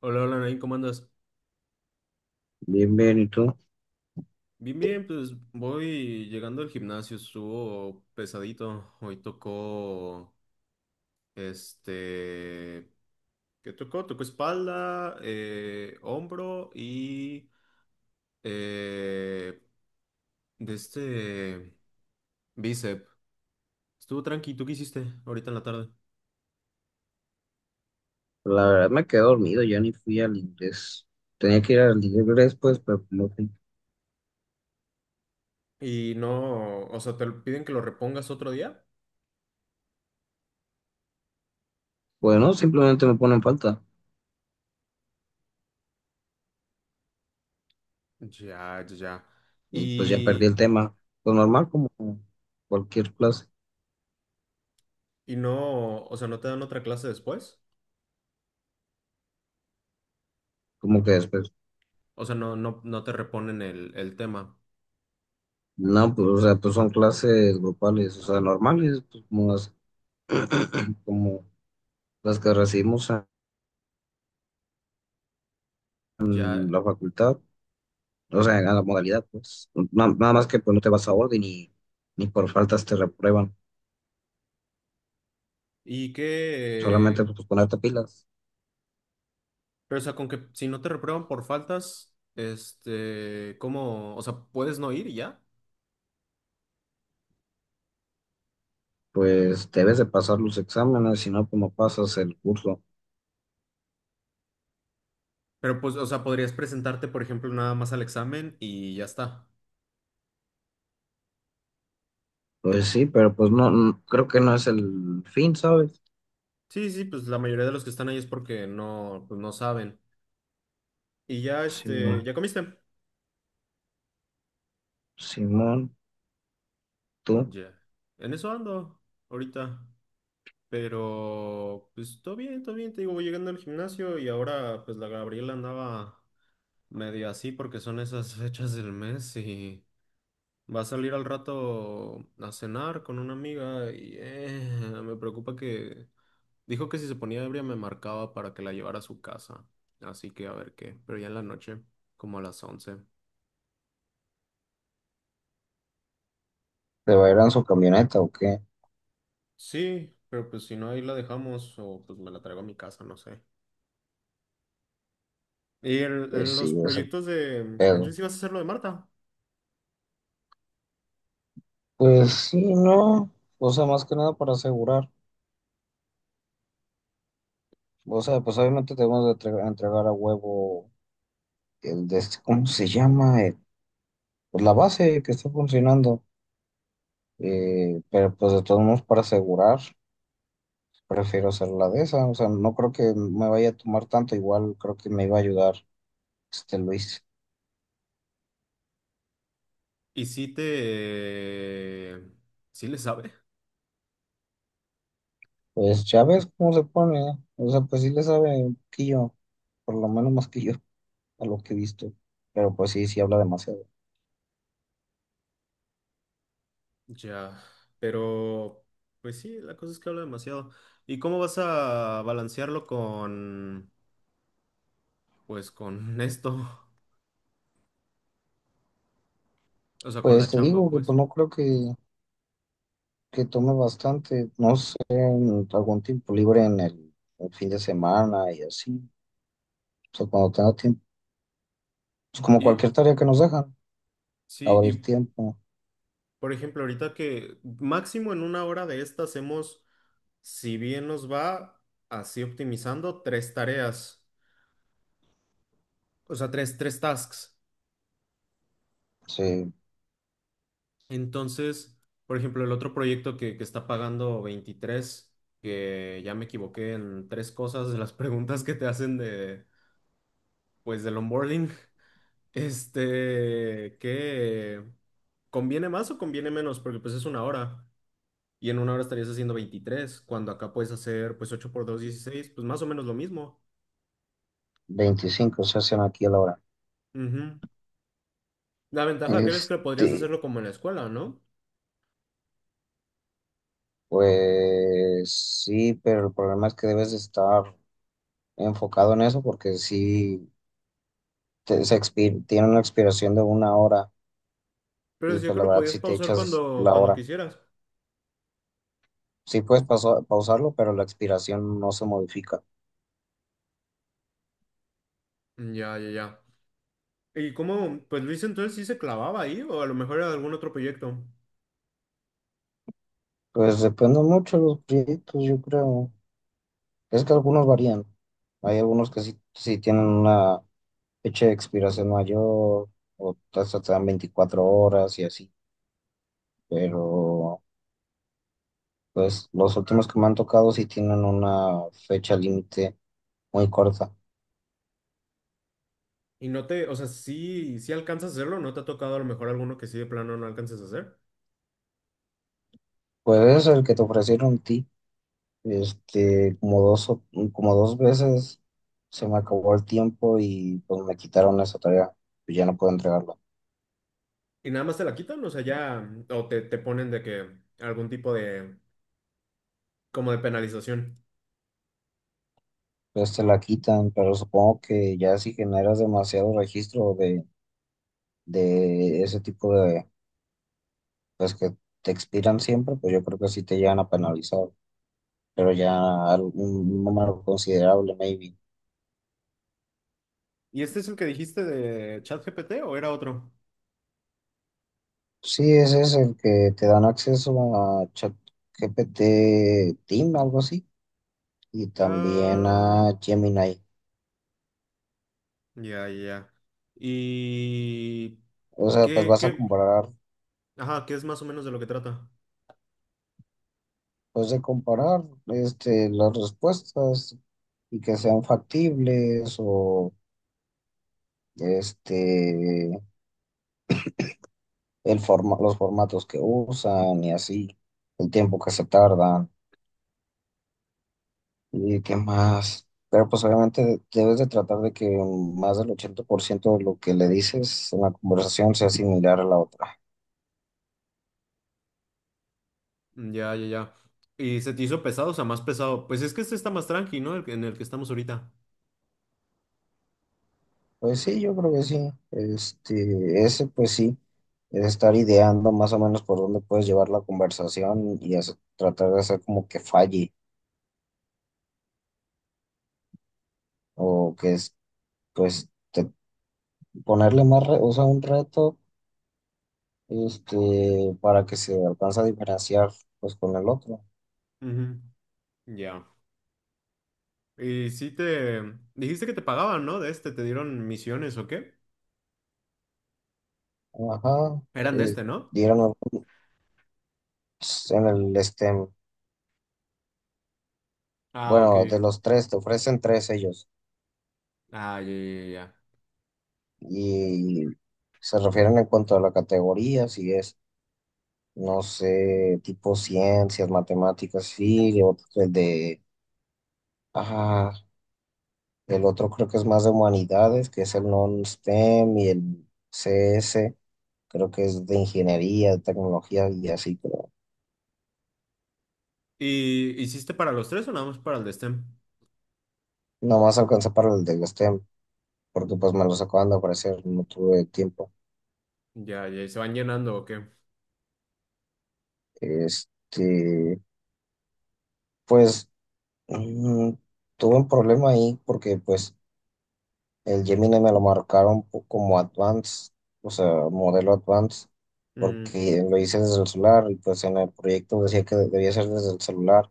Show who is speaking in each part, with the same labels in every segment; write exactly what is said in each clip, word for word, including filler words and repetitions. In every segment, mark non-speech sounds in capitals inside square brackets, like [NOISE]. Speaker 1: Hola, hola, Nain, ¿cómo andas?
Speaker 2: Bien, bien, ¿y tú?
Speaker 1: Bien, bien, pues voy llegando al gimnasio, estuvo pesadito. Hoy tocó, este, ¿qué tocó? Tocó espalda, eh, hombro y eh, de este bíceps. Estuvo tranqui, ¿tú qué hiciste ahorita en la tarde?
Speaker 2: La verdad me quedé dormido, ya ni fui al inglés. Tenía que ir al inglés, pues, pero no fui.
Speaker 1: Y no, o sea, te lo- piden que lo repongas otro día.
Speaker 2: Bueno, simplemente me ponen falta
Speaker 1: Ya, ya, ya.
Speaker 2: y pues ya perdí
Speaker 1: Y,
Speaker 2: el tema. Pues normal, como cualquier clase,
Speaker 1: y no, o sea, ¿no te dan otra clase después?
Speaker 2: como que después.
Speaker 1: O sea, no, no, no te reponen el, el tema.
Speaker 2: No, pues, o sea, pues son clases grupales, o sea, normales, pues, como las, como las que recibimos en
Speaker 1: Ya.
Speaker 2: la facultad, o sea, en la modalidad, pues. Na- Nada más que pues no te vas a orden y ni por faltas te reprueban,
Speaker 1: Y
Speaker 2: solamente
Speaker 1: que.
Speaker 2: pues ponerte pilas.
Speaker 1: Pero, o sea, con que si no te reprueban por faltas, este, ¿cómo? O sea, puedes no ir y ya.
Speaker 2: Pues debes de pasar los exámenes, si no, como pasas el curso?
Speaker 1: Pero, pues, o sea, podrías presentarte, por ejemplo, nada más al examen y ya está.
Speaker 2: Pues sí, pero pues no, no- creo que no es el fin, ¿sabes?
Speaker 1: Sí, sí, pues la mayoría de los que están ahí es porque no, pues, no saben. Y ya,
Speaker 2: Simón,
Speaker 1: este, ¿ya comiste?
Speaker 2: Simón, ¿tú
Speaker 1: Ya. En eso ando ahorita. Pero, pues, todo bien, todo bien. Te digo, voy llegando al gimnasio y ahora, pues, la Gabriela andaba. Medio así porque son esas fechas del mes y va a salir al rato a cenar con una amiga y eh, me preocupa que dijo que si se ponía ebria me marcaba para que la llevara a su casa. Así que a ver qué, pero ya en la noche, como a las once.
Speaker 2: te va a ir en su camioneta o qué?
Speaker 1: Sí, pero pues si no ahí la dejamos o pues me la traigo a mi casa, no sé. Y en,
Speaker 2: Pues
Speaker 1: en los
Speaker 2: sí, es el
Speaker 1: proyectos de...
Speaker 2: pedo.
Speaker 1: Entonces ibas a hacer lo de Marta.
Speaker 2: Pues sí, no, o sea, más que nada para asegurar. O sea, pues obviamente debemos de entre- entregar a huevo el de este- ¿cómo se llama? Eh, pues la base que está funcionando. Eh, pero pues de todos modos para asegurar. Prefiero hacer la de esa, o sea, no creo que me vaya a tomar tanto, igual creo que me iba a ayudar este Luis.
Speaker 1: ¿Y si te... ¿Sí le sabe?
Speaker 2: Pues ya ves cómo se pone, o sea, pues sí le sabe un poquillo, por lo menos más que yo, a lo que he visto, pero pues sí, sí habla demasiado.
Speaker 1: Ya, pero pues sí, la cosa es que habla demasiado. ¿Y cómo vas a balancearlo con, pues con esto? [LAUGHS] O sea, con
Speaker 2: Pues
Speaker 1: la
Speaker 2: te
Speaker 1: chamba,
Speaker 2: digo que
Speaker 1: pues.
Speaker 2: pues no creo que, que tome bastante, no sé, en algún tiempo libre en el, el fin de semana y así, o sea, cuando tenga tiempo, es como
Speaker 1: Y
Speaker 2: cualquier tarea que nos dejan,
Speaker 1: sí,
Speaker 2: abrir
Speaker 1: y
Speaker 2: tiempo,
Speaker 1: por ejemplo, ahorita que máximo en una hora de esta hacemos, si bien nos va, así optimizando tres tareas, o sea, tres, tres tasks.
Speaker 2: sí,
Speaker 1: Entonces, por ejemplo, el otro proyecto que, que está pagando veintitrés, que ya me equivoqué en tres cosas de las preguntas que te hacen de pues del onboarding, [LAUGHS] este, ¿qué conviene más o conviene menos? Porque pues es una hora y en una hora estarías haciendo veintitrés cuando acá puedes hacer pues ocho por dos dieciséis pues más o menos lo mismo.
Speaker 2: veinticinco se hacen aquí a la hora.
Speaker 1: Ujú. La ventaja que es que podrías
Speaker 2: Este.
Speaker 1: hacerlo como en la escuela, ¿no?
Speaker 2: Pues sí, pero el problema es que debes de estar enfocado en eso porque sí te- se expi- tiene una expiración de una hora
Speaker 1: Pero
Speaker 2: y
Speaker 1: decía
Speaker 2: pues
Speaker 1: que
Speaker 2: la
Speaker 1: lo
Speaker 2: verdad
Speaker 1: podías
Speaker 2: si te
Speaker 1: pausar
Speaker 2: echas
Speaker 1: cuando,
Speaker 2: la
Speaker 1: cuando
Speaker 2: hora,
Speaker 1: quisieras.
Speaker 2: sí puedes paso- pausarlo, pero la expiración no se modifica.
Speaker 1: Mm, Ya, ya, ya. ¿Y cómo, pues Luis entonces sí se clavaba ahí o a lo mejor era algún otro proyecto?
Speaker 2: Pues depende mucho de los proyectos, yo creo. Es que algunos varían. Hay algunos que sí, sí tienen una fecha de expiración mayor o hasta te dan veinticuatro horas y así, pero. Pues los últimos que me han tocado sí tienen una fecha límite muy corta.
Speaker 1: Y no te, o sea, sí, sí alcanzas a hacerlo, ¿no te ha tocado a lo mejor alguno que sí de plano no alcances a hacer?
Speaker 2: Pues es el que te ofrecieron a ti, este, como dos, o- como dos veces se me acabó el tiempo y pues me quitaron esa tarea, pues ya no puedo entregarla.
Speaker 1: Y nada más te la quitan, o sea, ya, o te, te ponen de que algún tipo de, como de penalización.
Speaker 2: Pues te la quitan, pero supongo que ya si generas demasiado registro de, de ese tipo de, pues que te expiran siempre, pues yo creo que sí te llegan a penalizar, pero ya un número considerable, maybe.
Speaker 1: ¿Y este es el que dijiste de ChatGPT o era otro?
Speaker 2: Sí, ese es el que te dan acceso a ChatGPT Team, algo así, y también
Speaker 1: Ah,
Speaker 2: a Gemini.
Speaker 1: ya, ya. ¿Y
Speaker 2: O sea, pues
Speaker 1: qué,
Speaker 2: vas a
Speaker 1: qué?
Speaker 2: comparar,
Speaker 1: Ajá, ¿qué es más o menos de lo que trata?
Speaker 2: pues de comparar este, las respuestas y que sean factibles o este, el forma, los formatos que usan y así, el tiempo que se tardan. ¿Y qué más? Pero pues obviamente debes de tratar de que más del ochenta por ciento de lo que le dices en la conversación sea similar a la otra.
Speaker 1: Ya, ya, ya. ¿Y se te hizo pesado, o sea, más pesado? Pues es que este está más tranqui, ¿no? El que- en el que estamos ahorita.
Speaker 2: Pues sí, yo creo que sí. Este, ese pues sí, es estar ideando más o menos por dónde puedes llevar la conversación y hacer- tratar de hacer como que falle o que es, pues te- ponerle más, re- o sea, un reto, este, para que se alcance a diferenciar pues con el otro.
Speaker 1: Ujú. Ya. Y sí te... Dijiste que te pagaban, ¿no? De este, ¿te dieron misiones o qué?
Speaker 2: Ajá.
Speaker 1: Eran de
Speaker 2: eh,
Speaker 1: este, ¿no?
Speaker 2: s- En el, este,
Speaker 1: Ah, ok.
Speaker 2: bueno, de los tres, te ofrecen tres ellos.
Speaker 1: Ah, ya, ya, ya. ya.
Speaker 2: Y se refieren en cuanto a la categoría, si es, no sé, tipo ciencias, matemáticas, sí, y otro- el de, ah, el otro creo que es más de humanidades, que es el non-STEM y el C S, creo que es de ingeniería, de tecnología y así, pero
Speaker 1: ¿Y hiciste para los tres o nada más para el de STEM?
Speaker 2: nomás alcanza para el del STEM, porque pues me los acaban de ofrecer, no tuve tiempo.
Speaker 1: Ya, ya, ¿y ¿se van llenando o qué?
Speaker 2: Este. Pues Mm, tuve un problema ahí porque pues el Gemini me lo marcaron po- como Advanced, o sea, modelo Advanced,
Speaker 1: Mm,
Speaker 2: porque lo hice desde el celular y pues en el proyecto decía que debía ser desde el celular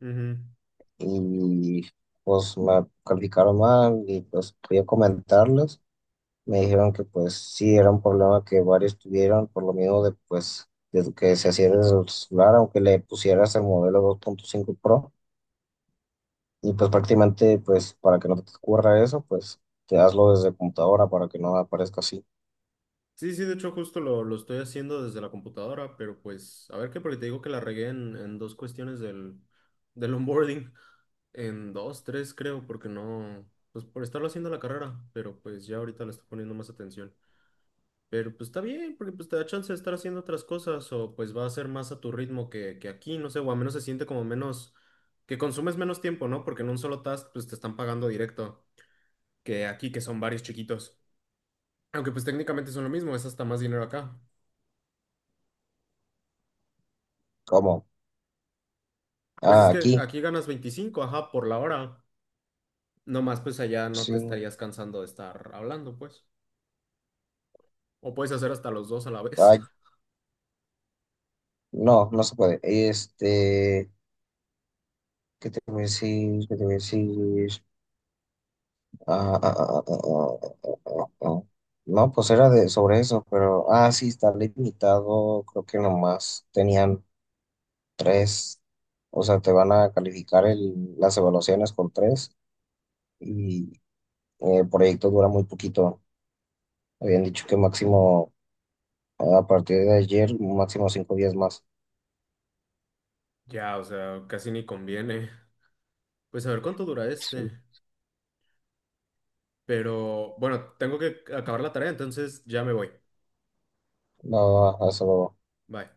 Speaker 1: ujú.
Speaker 2: y pues me calificaron mal y pues fui a comentarles. Me dijeron que pues sí era un problema que varios tuvieron por lo mismo de pues de que se hacía desde el celular, aunque le pusieras el modelo dos punto cinco Pro. Y pues prácticamente, pues para que no te ocurra eso, pues te hazlo desde computadora para que no aparezca así.
Speaker 1: Sí, sí, de hecho justo lo, lo estoy haciendo desde la computadora, pero pues, a ver qué, porque te digo que la regué en, en dos cuestiones del, del onboarding, en dos, tres creo, porque no, pues por estarlo haciendo la carrera, pero pues ya ahorita le estoy poniendo más atención. Pero pues está bien, porque pues te da chance de estar haciendo otras cosas o pues va a ser más a tu ritmo que, que aquí, no sé, o al menos se siente como menos, que consumes menos tiempo, ¿no? Porque en un solo task pues te están pagando directo que aquí, que son varios chiquitos. Aunque pues técnicamente son lo mismo, es hasta más dinero acá.
Speaker 2: Como.
Speaker 1: Pues es
Speaker 2: Ah,
Speaker 1: que
Speaker 2: aquí.
Speaker 1: aquí ganas veinticinco, ajá, por la hora. No más pues allá no
Speaker 2: Sí.
Speaker 1: te estarías cansando de estar hablando, pues. O puedes hacer hasta los dos a la vez.
Speaker 2: Ay,
Speaker 1: [LAUGHS]
Speaker 2: no, no se puede. Este, ¿qué te voy a decir? ¿Qué te voy a decir? Ah, ah, ah, ah, ah, ah, ah, ah. ah. No, pues era de, sobre eso, pero, ah, sí, está limitado. Creo que nomás tenían tres. O sea, te van a calificar el, las evaluaciones con tres y eh, el proyecto dura muy poquito. Habían dicho que máximo a partir de ayer, máximo cinco días más.
Speaker 1: Ya, o sea, casi ni conviene. Pues a ver cuánto dura este.
Speaker 2: Sí.
Speaker 1: Pero bueno, tengo que acabar la tarea, entonces ya me voy.
Speaker 2: No, hasta luego.
Speaker 1: Bye.